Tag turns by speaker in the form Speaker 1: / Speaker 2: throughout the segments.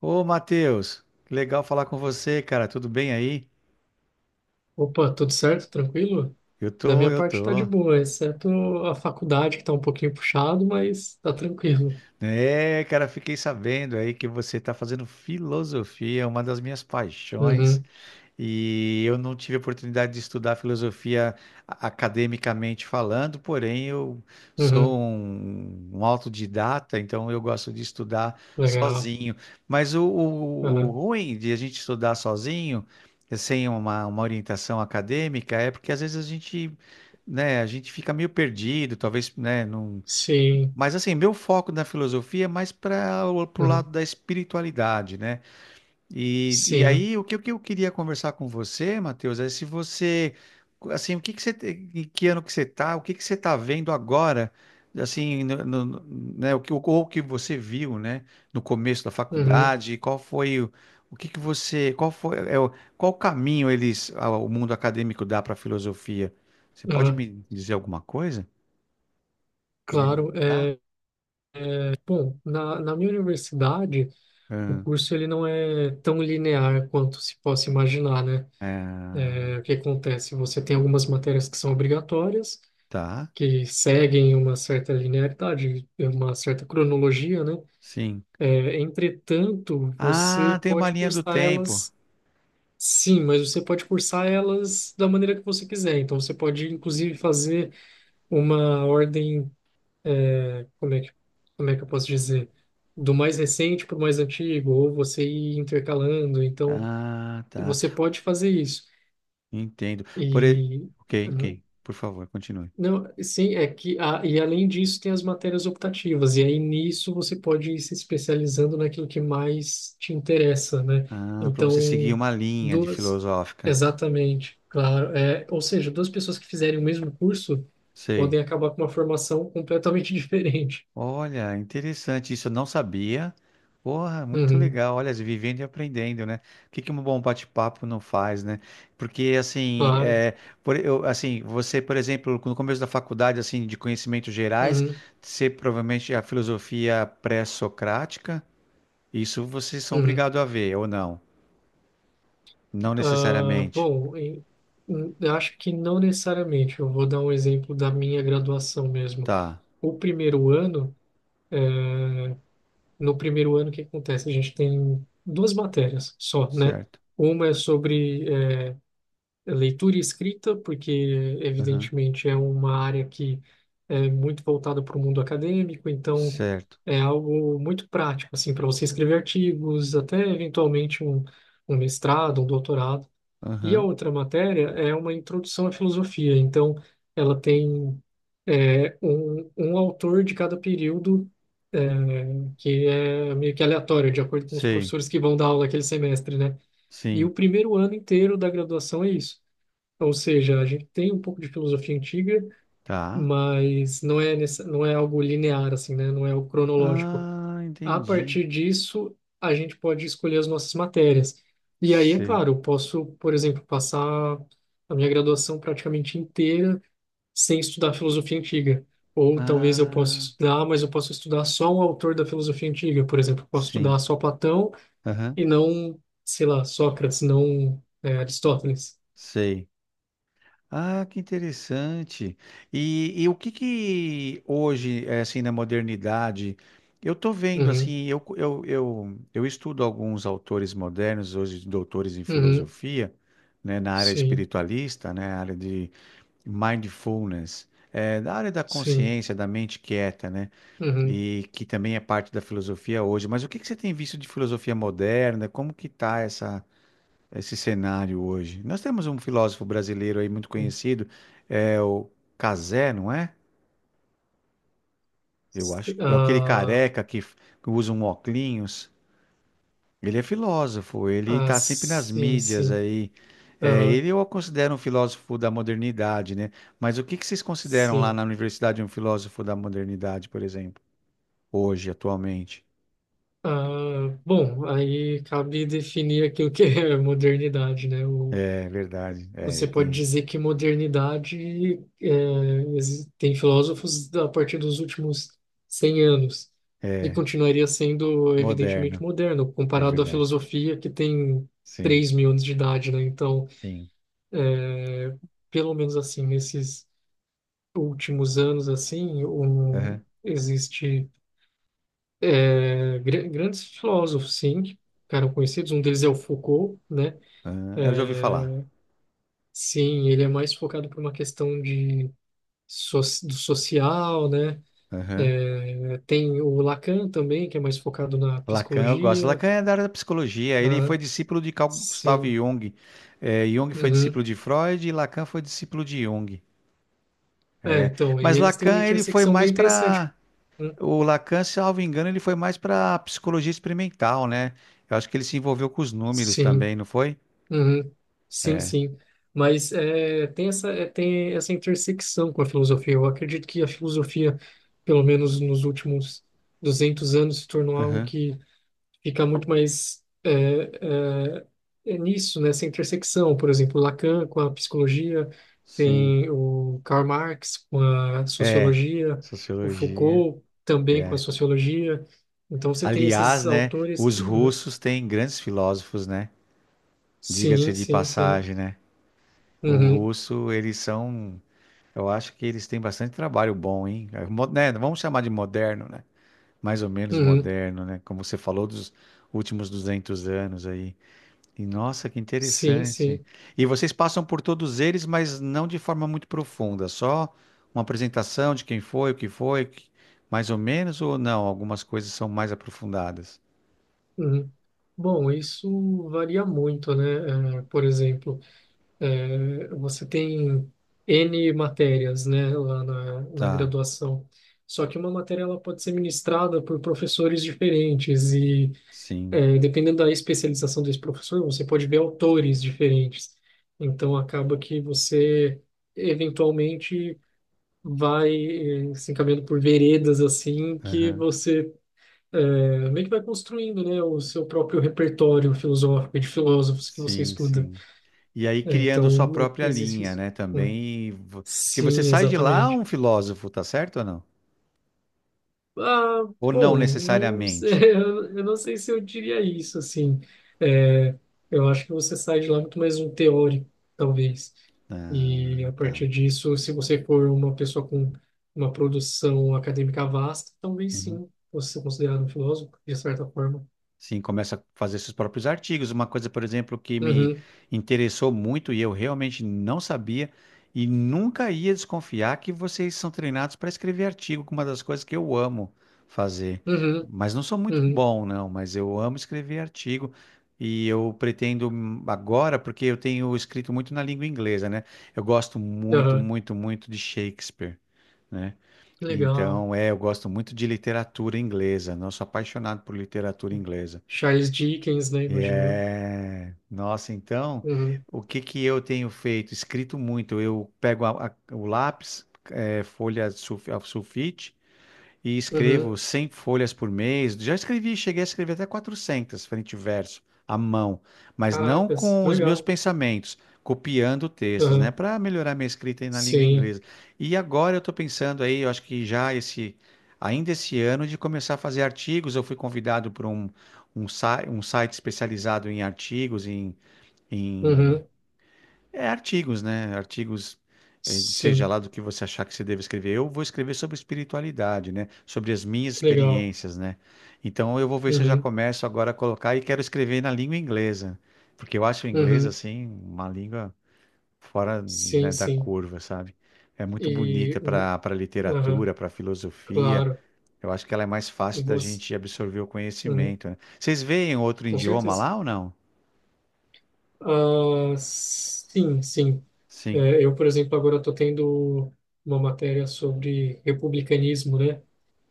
Speaker 1: Ô, Matheus, que legal falar com você, cara. Tudo bem aí?
Speaker 2: Opa, tudo certo? Tranquilo?
Speaker 1: Eu
Speaker 2: Da
Speaker 1: tô,
Speaker 2: minha
Speaker 1: eu
Speaker 2: parte tá de
Speaker 1: tô.
Speaker 2: boa, exceto a faculdade que tá um pouquinho puxado, mas tá tranquilo.
Speaker 1: É, cara, fiquei sabendo aí que você tá fazendo filosofia, uma das minhas paixões.
Speaker 2: Uhum,
Speaker 1: E eu não tive a oportunidade de estudar filosofia academicamente falando, porém eu sou
Speaker 2: uhum,
Speaker 1: um autodidata, então eu gosto de estudar
Speaker 2: legal.
Speaker 1: sozinho. Mas o
Speaker 2: Uhum,
Speaker 1: ruim de a gente estudar sozinho, sem uma orientação acadêmica, é porque às vezes a gente, né, a gente fica meio perdido, talvez, né, não.
Speaker 2: sim,
Speaker 1: Mas assim, meu foco na filosofia é mais para o pro
Speaker 2: uhum,
Speaker 1: lado da espiritualidade, né? E
Speaker 2: sim,
Speaker 1: aí, o que eu queria conversar com você, Matheus, é se você, assim, o que que você, te- em que ano que você tá, o que que você tá vendo agora, assim, né, o que você viu, né, no começo da
Speaker 2: uhum,
Speaker 1: faculdade, o que que você, qual foi, é, é o- qual caminho eles, o mundo acadêmico dá para a filosofia? Você pode
Speaker 2: uhum,
Speaker 1: me dizer alguma coisa? Para me
Speaker 2: claro.
Speaker 1: balizar?
Speaker 2: É, bom, na minha universidade, o
Speaker 1: Ah,
Speaker 2: curso ele não é tão linear quanto se possa imaginar, né?
Speaker 1: ah,
Speaker 2: É, o que acontece? Você tem algumas matérias que são obrigatórias,
Speaker 1: tá,
Speaker 2: que seguem uma certa linearidade, uma certa cronologia, né?
Speaker 1: sim.
Speaker 2: É, entretanto, você
Speaker 1: Ah, tem uma
Speaker 2: pode
Speaker 1: linha do
Speaker 2: cursar
Speaker 1: tempo.
Speaker 2: elas, sim, mas você pode cursar elas da maneira que você quiser. Então, você pode, inclusive, fazer uma ordem, como é que, como é que eu posso dizer? Do mais recente para o mais antigo, ou você ir intercalando. Então,
Speaker 1: Ah, tá.
Speaker 2: você pode fazer isso.
Speaker 1: Entendo. Por... e-
Speaker 2: E
Speaker 1: Ok, ok.
Speaker 2: hum,
Speaker 1: Por favor, continue.
Speaker 2: não, sim, é que e além disso tem as matérias optativas, e aí nisso você pode ir se especializando naquilo que mais te interessa, né?
Speaker 1: Ah, para você seguir
Speaker 2: Então,
Speaker 1: uma linha de
Speaker 2: duas,
Speaker 1: filosófica.
Speaker 2: exatamente, claro. É, ou seja, duas pessoas que fizerem o mesmo curso
Speaker 1: Sei.
Speaker 2: podem acabar com uma formação completamente diferente.
Speaker 1: Olha, interessante. Isso eu não sabia. Porra, muito
Speaker 2: Uhum,
Speaker 1: legal. Olha, vivendo e aprendendo, né? O que que um bom bate-papo não faz, né? Porque, assim,
Speaker 2: claro.
Speaker 1: é, por, eu, assim, você, por exemplo, no começo da faculdade, assim, de conhecimentos gerais,
Speaker 2: Uhum,
Speaker 1: você provavelmente a filosofia pré-socrática, isso vocês são
Speaker 2: uhum.
Speaker 1: obrigados a ver, ou não? Não
Speaker 2: Ah,
Speaker 1: necessariamente.
Speaker 2: bom, eu acho que não necessariamente. Eu vou dar um exemplo da minha graduação mesmo.
Speaker 1: Tá,
Speaker 2: O primeiro ano. No primeiro ano, o que acontece? A gente tem duas matérias só, né?
Speaker 1: certo.
Speaker 2: Uma é sobre leitura e escrita, porque,
Speaker 1: Aham,
Speaker 2: evidentemente, é uma área que é muito voltada para o mundo acadêmico, então
Speaker 1: certo.
Speaker 2: é algo muito prático, assim, para você escrever artigos, até eventualmente um mestrado, um doutorado. E a
Speaker 1: Aham,
Speaker 2: outra matéria é uma introdução à filosofia. Então, ela tem um autor de cada período, é, que é meio que aleatório, de acordo com os
Speaker 1: sei.
Speaker 2: professores que vão dar aula aquele semestre, né? E o
Speaker 1: Sim,
Speaker 2: primeiro ano inteiro da graduação é isso. Ou seja, a gente tem um pouco de filosofia antiga,
Speaker 1: tá.
Speaker 2: mas não é, nessa, não é algo linear, assim, né? Não é o cronológico.
Speaker 1: Ah,
Speaker 2: A
Speaker 1: entendi.
Speaker 2: partir disso, a gente pode escolher as nossas matérias. E aí, é
Speaker 1: Sei.
Speaker 2: claro, eu posso, por exemplo, passar a minha graduação praticamente inteira sem estudar filosofia antiga. Ou talvez eu possa
Speaker 1: Ah,
Speaker 2: estudar, mas eu posso estudar só um autor da filosofia antiga. Por exemplo, eu posso
Speaker 1: sim.
Speaker 2: estudar só Platão
Speaker 1: Aham,
Speaker 2: e não, sei lá, Sócrates, não, Aristóteles.
Speaker 1: sei. Ah, que interessante. E o que que hoje, assim, na modernidade, eu tô vendo,
Speaker 2: Uhum,
Speaker 1: assim, eu estudo alguns autores modernos, hoje doutores em
Speaker 2: uhum,
Speaker 1: filosofia, né, na área
Speaker 2: sim,
Speaker 1: espiritualista, né, área de mindfulness, da área da
Speaker 2: sim,
Speaker 1: consciência, da mente quieta, né?
Speaker 2: uhum.
Speaker 1: E que também é parte da filosofia hoje. Mas o que que você tem visto de filosofia moderna? Como que está essa, esse cenário hoje? Nós temos um filósofo brasileiro aí muito conhecido, é o Cazé, não é? Eu acho que é aquele
Speaker 2: Ah,
Speaker 1: careca que usa um óculos. Ele é filósofo, ele
Speaker 2: ah,
Speaker 1: está sempre nas
Speaker 2: sim,
Speaker 1: mídias
Speaker 2: sim,
Speaker 1: aí. É,
Speaker 2: aham,
Speaker 1: ele eu considero um filósofo da modernidade, né? Mas o que que vocês consideram lá
Speaker 2: sim.
Speaker 1: na universidade um filósofo da modernidade, por exemplo, hoje, atualmente?
Speaker 2: Ah, bom, aí cabe definir aqui o que é modernidade, né?
Speaker 1: É verdade.
Speaker 2: Você pode dizer que modernidade é, tem filósofos a partir dos últimos 100 anos e
Speaker 1: É,
Speaker 2: continuaria sendo evidentemente
Speaker 1: moderno,
Speaker 2: moderno,
Speaker 1: é
Speaker 2: comparado à
Speaker 1: verdade.
Speaker 2: filosofia que tem
Speaker 1: Sim,
Speaker 2: 3000 anos de idade, né? Então,
Speaker 1: sim.
Speaker 2: pelo menos assim, nesses últimos anos, assim,
Speaker 1: Aham,
Speaker 2: existe grandes filósofos, sim, que ficaram conhecidos. Um deles é o Foucault, né?
Speaker 1: aham. É, eu já ouvi
Speaker 2: É,
Speaker 1: falar.
Speaker 2: sim, ele é mais focado por uma questão de so- do social, né?
Speaker 1: Aham.
Speaker 2: É, tem o Lacan também, que é mais focado na
Speaker 1: Lacan, eu gosto.
Speaker 2: psicologia.
Speaker 1: Lacan é da área da psicologia. Ele
Speaker 2: Ah,
Speaker 1: foi discípulo de Carl Gustav
Speaker 2: sim.
Speaker 1: Jung. É, Jung foi
Speaker 2: Uhum.
Speaker 1: discípulo de Freud e Lacan foi discípulo de Jung.
Speaker 2: É,
Speaker 1: É,
Speaker 2: então, e
Speaker 1: mas
Speaker 2: eles têm uma
Speaker 1: Lacan, ele foi
Speaker 2: intersecção bem
Speaker 1: mais
Speaker 2: interessante.
Speaker 1: para.
Speaker 2: Hum,
Speaker 1: O Lacan, salvo engano, ele foi mais para psicologia experimental, né? Eu acho que ele se envolveu com os números
Speaker 2: Sim.
Speaker 1: também, não foi?
Speaker 2: Uhum. Sim,
Speaker 1: É.
Speaker 2: sim. Mas é, tem essa intersecção com a filosofia. Eu acredito que a filosofia, pelo menos nos últimos 200 anos, se tornou algo
Speaker 1: Aham.
Speaker 2: que fica muito mais é, é nisso, nessa intersecção. Por exemplo, Lacan com a psicologia,
Speaker 1: Sim.
Speaker 2: tem o Karl Marx com a
Speaker 1: É.
Speaker 2: sociologia, o
Speaker 1: Sociologia.
Speaker 2: Foucault também com a
Speaker 1: É.
Speaker 2: sociologia. Então você tem
Speaker 1: Aliás,
Speaker 2: esses
Speaker 1: né,
Speaker 2: autores
Speaker 1: os
Speaker 2: que. Uhum.
Speaker 1: russos têm grandes filósofos, né? Diga-se
Speaker 2: Sim,
Speaker 1: de
Speaker 2: sim, sim.
Speaker 1: passagem, né? O
Speaker 2: Uhum,
Speaker 1: russo, eles são, eu acho que eles têm bastante trabalho bom, hein? É né, vamos chamar de moderno, né? Mais ou menos
Speaker 2: uhum.
Speaker 1: moderno, né? Como você falou dos últimos 200 anos aí. E nossa, que
Speaker 2: Sim,
Speaker 1: interessante.
Speaker 2: sim.
Speaker 1: E vocês passam por todos eles, mas não de forma muito profunda, só uma apresentação de quem foi, o que foi, mais ou menos, ou não? Algumas coisas são mais aprofundadas.
Speaker 2: Uhum. Bom, isso varia muito, né? É, por exemplo. É, você tem N matérias, né, lá na
Speaker 1: Tá,
Speaker 2: graduação. Só que uma matéria ela pode ser ministrada por professores diferentes e
Speaker 1: sim.
Speaker 2: dependendo da especialização desse professor, você pode ver autores diferentes. Então acaba que você eventualmente vai se encaminhando por veredas assim que
Speaker 1: Aham.
Speaker 2: você meio que vai construindo, né, o seu próprio repertório filosófico e de filósofos que você
Speaker 1: Sim,
Speaker 2: estuda.
Speaker 1: sim. E aí
Speaker 2: É,
Speaker 1: criando sua
Speaker 2: então
Speaker 1: própria
Speaker 2: existe
Speaker 1: linha,
Speaker 2: isso,
Speaker 1: né?
Speaker 2: né?
Speaker 1: Também. Porque você
Speaker 2: Sim,
Speaker 1: sai de lá
Speaker 2: exatamente.
Speaker 1: um filósofo, tá certo ou não?
Speaker 2: Ah,
Speaker 1: Ou não
Speaker 2: bom, não sei,
Speaker 1: necessariamente?
Speaker 2: eu não sei se eu diria isso, assim. É, eu acho que você sai de lá muito mais um teórico, talvez. E
Speaker 1: Ah,
Speaker 2: a
Speaker 1: tá.
Speaker 2: partir disso, se você for uma pessoa com uma produção acadêmica vasta, talvez
Speaker 1: Uhum.
Speaker 2: sim, você ser considerado um filósofo, de certa forma.
Speaker 1: Sim, começa a fazer seus próprios artigos. Uma coisa, por exemplo, que me
Speaker 2: Uhum,
Speaker 1: interessou muito e eu realmente não sabia e nunca ia desconfiar que vocês são treinados para escrever artigo, que é uma das coisas que eu amo fazer.
Speaker 2: uhum,
Speaker 1: Mas não sou muito
Speaker 2: uhum,
Speaker 1: bom, não, mas eu amo escrever artigo e eu pretendo agora, porque eu tenho escrito muito na língua inglesa, né? Eu gosto muito,
Speaker 2: aham.
Speaker 1: muito, muito de Shakespeare, né?
Speaker 2: Legal.
Speaker 1: Então, eu gosto muito de literatura inglesa, né? Eu sou apaixonado por literatura inglesa.
Speaker 2: Charles Dickens, né? Imagino eu.
Speaker 1: Nossa, então,
Speaker 2: Uhum,
Speaker 1: o que que eu tenho feito? Escrito muito. Eu pego o lápis, folha de a sulfite, e
Speaker 2: uhum.
Speaker 1: escrevo 100 folhas por mês. Já escrevi, cheguei a escrever até 400 frente e verso, à mão, mas não
Speaker 2: Caracas,
Speaker 1: com
Speaker 2: que
Speaker 1: os meus
Speaker 2: legal.
Speaker 1: pensamentos, copiando textos, né,
Speaker 2: Aham,
Speaker 1: para melhorar minha escrita aí na língua
Speaker 2: sim.
Speaker 1: inglesa. E agora eu estou pensando aí, eu acho que ainda esse ano, de começar a fazer artigos. Eu fui convidado por um site especializado em artigos, em
Speaker 2: Uhum,
Speaker 1: artigos, né? Artigos, seja
Speaker 2: sim,
Speaker 1: lá do que você achar que você deve escrever. Eu vou escrever sobre espiritualidade, né? Sobre as minhas
Speaker 2: que legal.
Speaker 1: experiências, né? Então eu vou ver se eu já
Speaker 2: Uhum,
Speaker 1: começo agora a colocar e quero escrever na língua inglesa, porque eu acho o inglês
Speaker 2: uhum,
Speaker 1: assim uma língua fora,
Speaker 2: sim,
Speaker 1: né, da
Speaker 2: sim.
Speaker 1: curva, sabe? É muito
Speaker 2: E,
Speaker 1: bonita para
Speaker 2: aham,
Speaker 1: literatura, para filosofia.
Speaker 2: claro.
Speaker 1: Eu acho que ela é mais
Speaker 2: E
Speaker 1: fácil da
Speaker 2: você,
Speaker 1: gente absorver o
Speaker 2: uhum,
Speaker 1: conhecimento, né? Vocês veem outro
Speaker 2: com
Speaker 1: idioma
Speaker 2: certeza.
Speaker 1: lá ou não?
Speaker 2: Ah, sim, sim.
Speaker 1: Sim,
Speaker 2: É, eu, por exemplo, agora estou tendo uma matéria sobre republicanismo, né?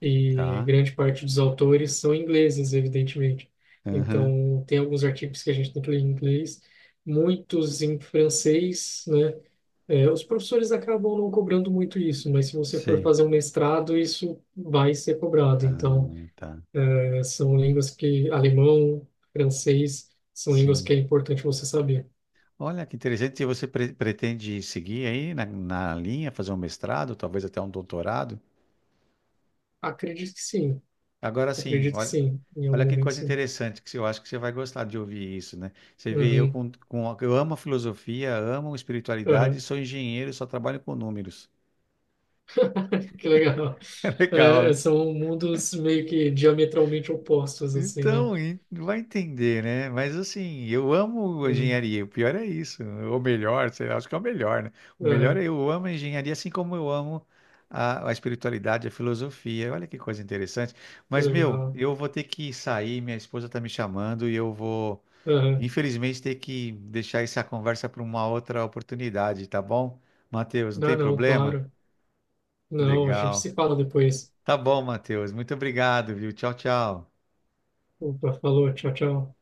Speaker 2: E
Speaker 1: tá.
Speaker 2: grande parte dos autores são ingleses, evidentemente.
Speaker 1: Aham,
Speaker 2: Então, tem alguns artigos que a gente tem que ler em inglês, muitos em francês, né? É, os professores acabam não cobrando muito isso, mas se você for
Speaker 1: sei.
Speaker 2: fazer um mestrado, isso vai ser cobrado. Então,
Speaker 1: Ah, tá.
Speaker 2: alemão, francês, são línguas
Speaker 1: Sim.
Speaker 2: que é importante você saber.
Speaker 1: Olha que interessante. E você pretende seguir aí na linha, fazer um mestrado, talvez até um doutorado?
Speaker 2: Acredito que sim,
Speaker 1: Agora sim,
Speaker 2: acredito que
Speaker 1: olha,
Speaker 2: sim, em algum
Speaker 1: olha que
Speaker 2: momento
Speaker 1: coisa
Speaker 2: sim.
Speaker 1: interessante, que eu acho que você vai gostar de ouvir isso, né? Você vê eu
Speaker 2: Uhum,
Speaker 1: eu amo a filosofia, amo espiritualidade,
Speaker 2: uhum.
Speaker 1: sou engenheiro, e só trabalho com números.
Speaker 2: Que legal.
Speaker 1: É legal,
Speaker 2: É,
Speaker 1: né?
Speaker 2: são mundos meio que diametralmente opostos, assim, né?
Speaker 1: Então, e vai entender, né? Mas assim, eu amo
Speaker 2: Uhum,
Speaker 1: engenharia. O pior é isso. Ou melhor, sei lá, acho que é o melhor, né? O melhor é
Speaker 2: uhum,
Speaker 1: eu amo a engenharia, assim como eu amo a espiritualidade, a filosofia. Olha que coisa interessante.
Speaker 2: que
Speaker 1: Mas, meu,
Speaker 2: legal.
Speaker 1: eu vou ter que sair, minha esposa tá me chamando e eu vou,
Speaker 2: Uhum.
Speaker 1: infelizmente, ter que deixar essa conversa para uma outra oportunidade, tá bom? Matheus, não
Speaker 2: Ah,
Speaker 1: tem
Speaker 2: não,
Speaker 1: problema?
Speaker 2: claro. Não, a gente se
Speaker 1: Legal.
Speaker 2: fala depois.
Speaker 1: Tá bom, Matheus. Muito obrigado, viu? Tchau, tchau.
Speaker 2: Opa, falou, tchau, tchau.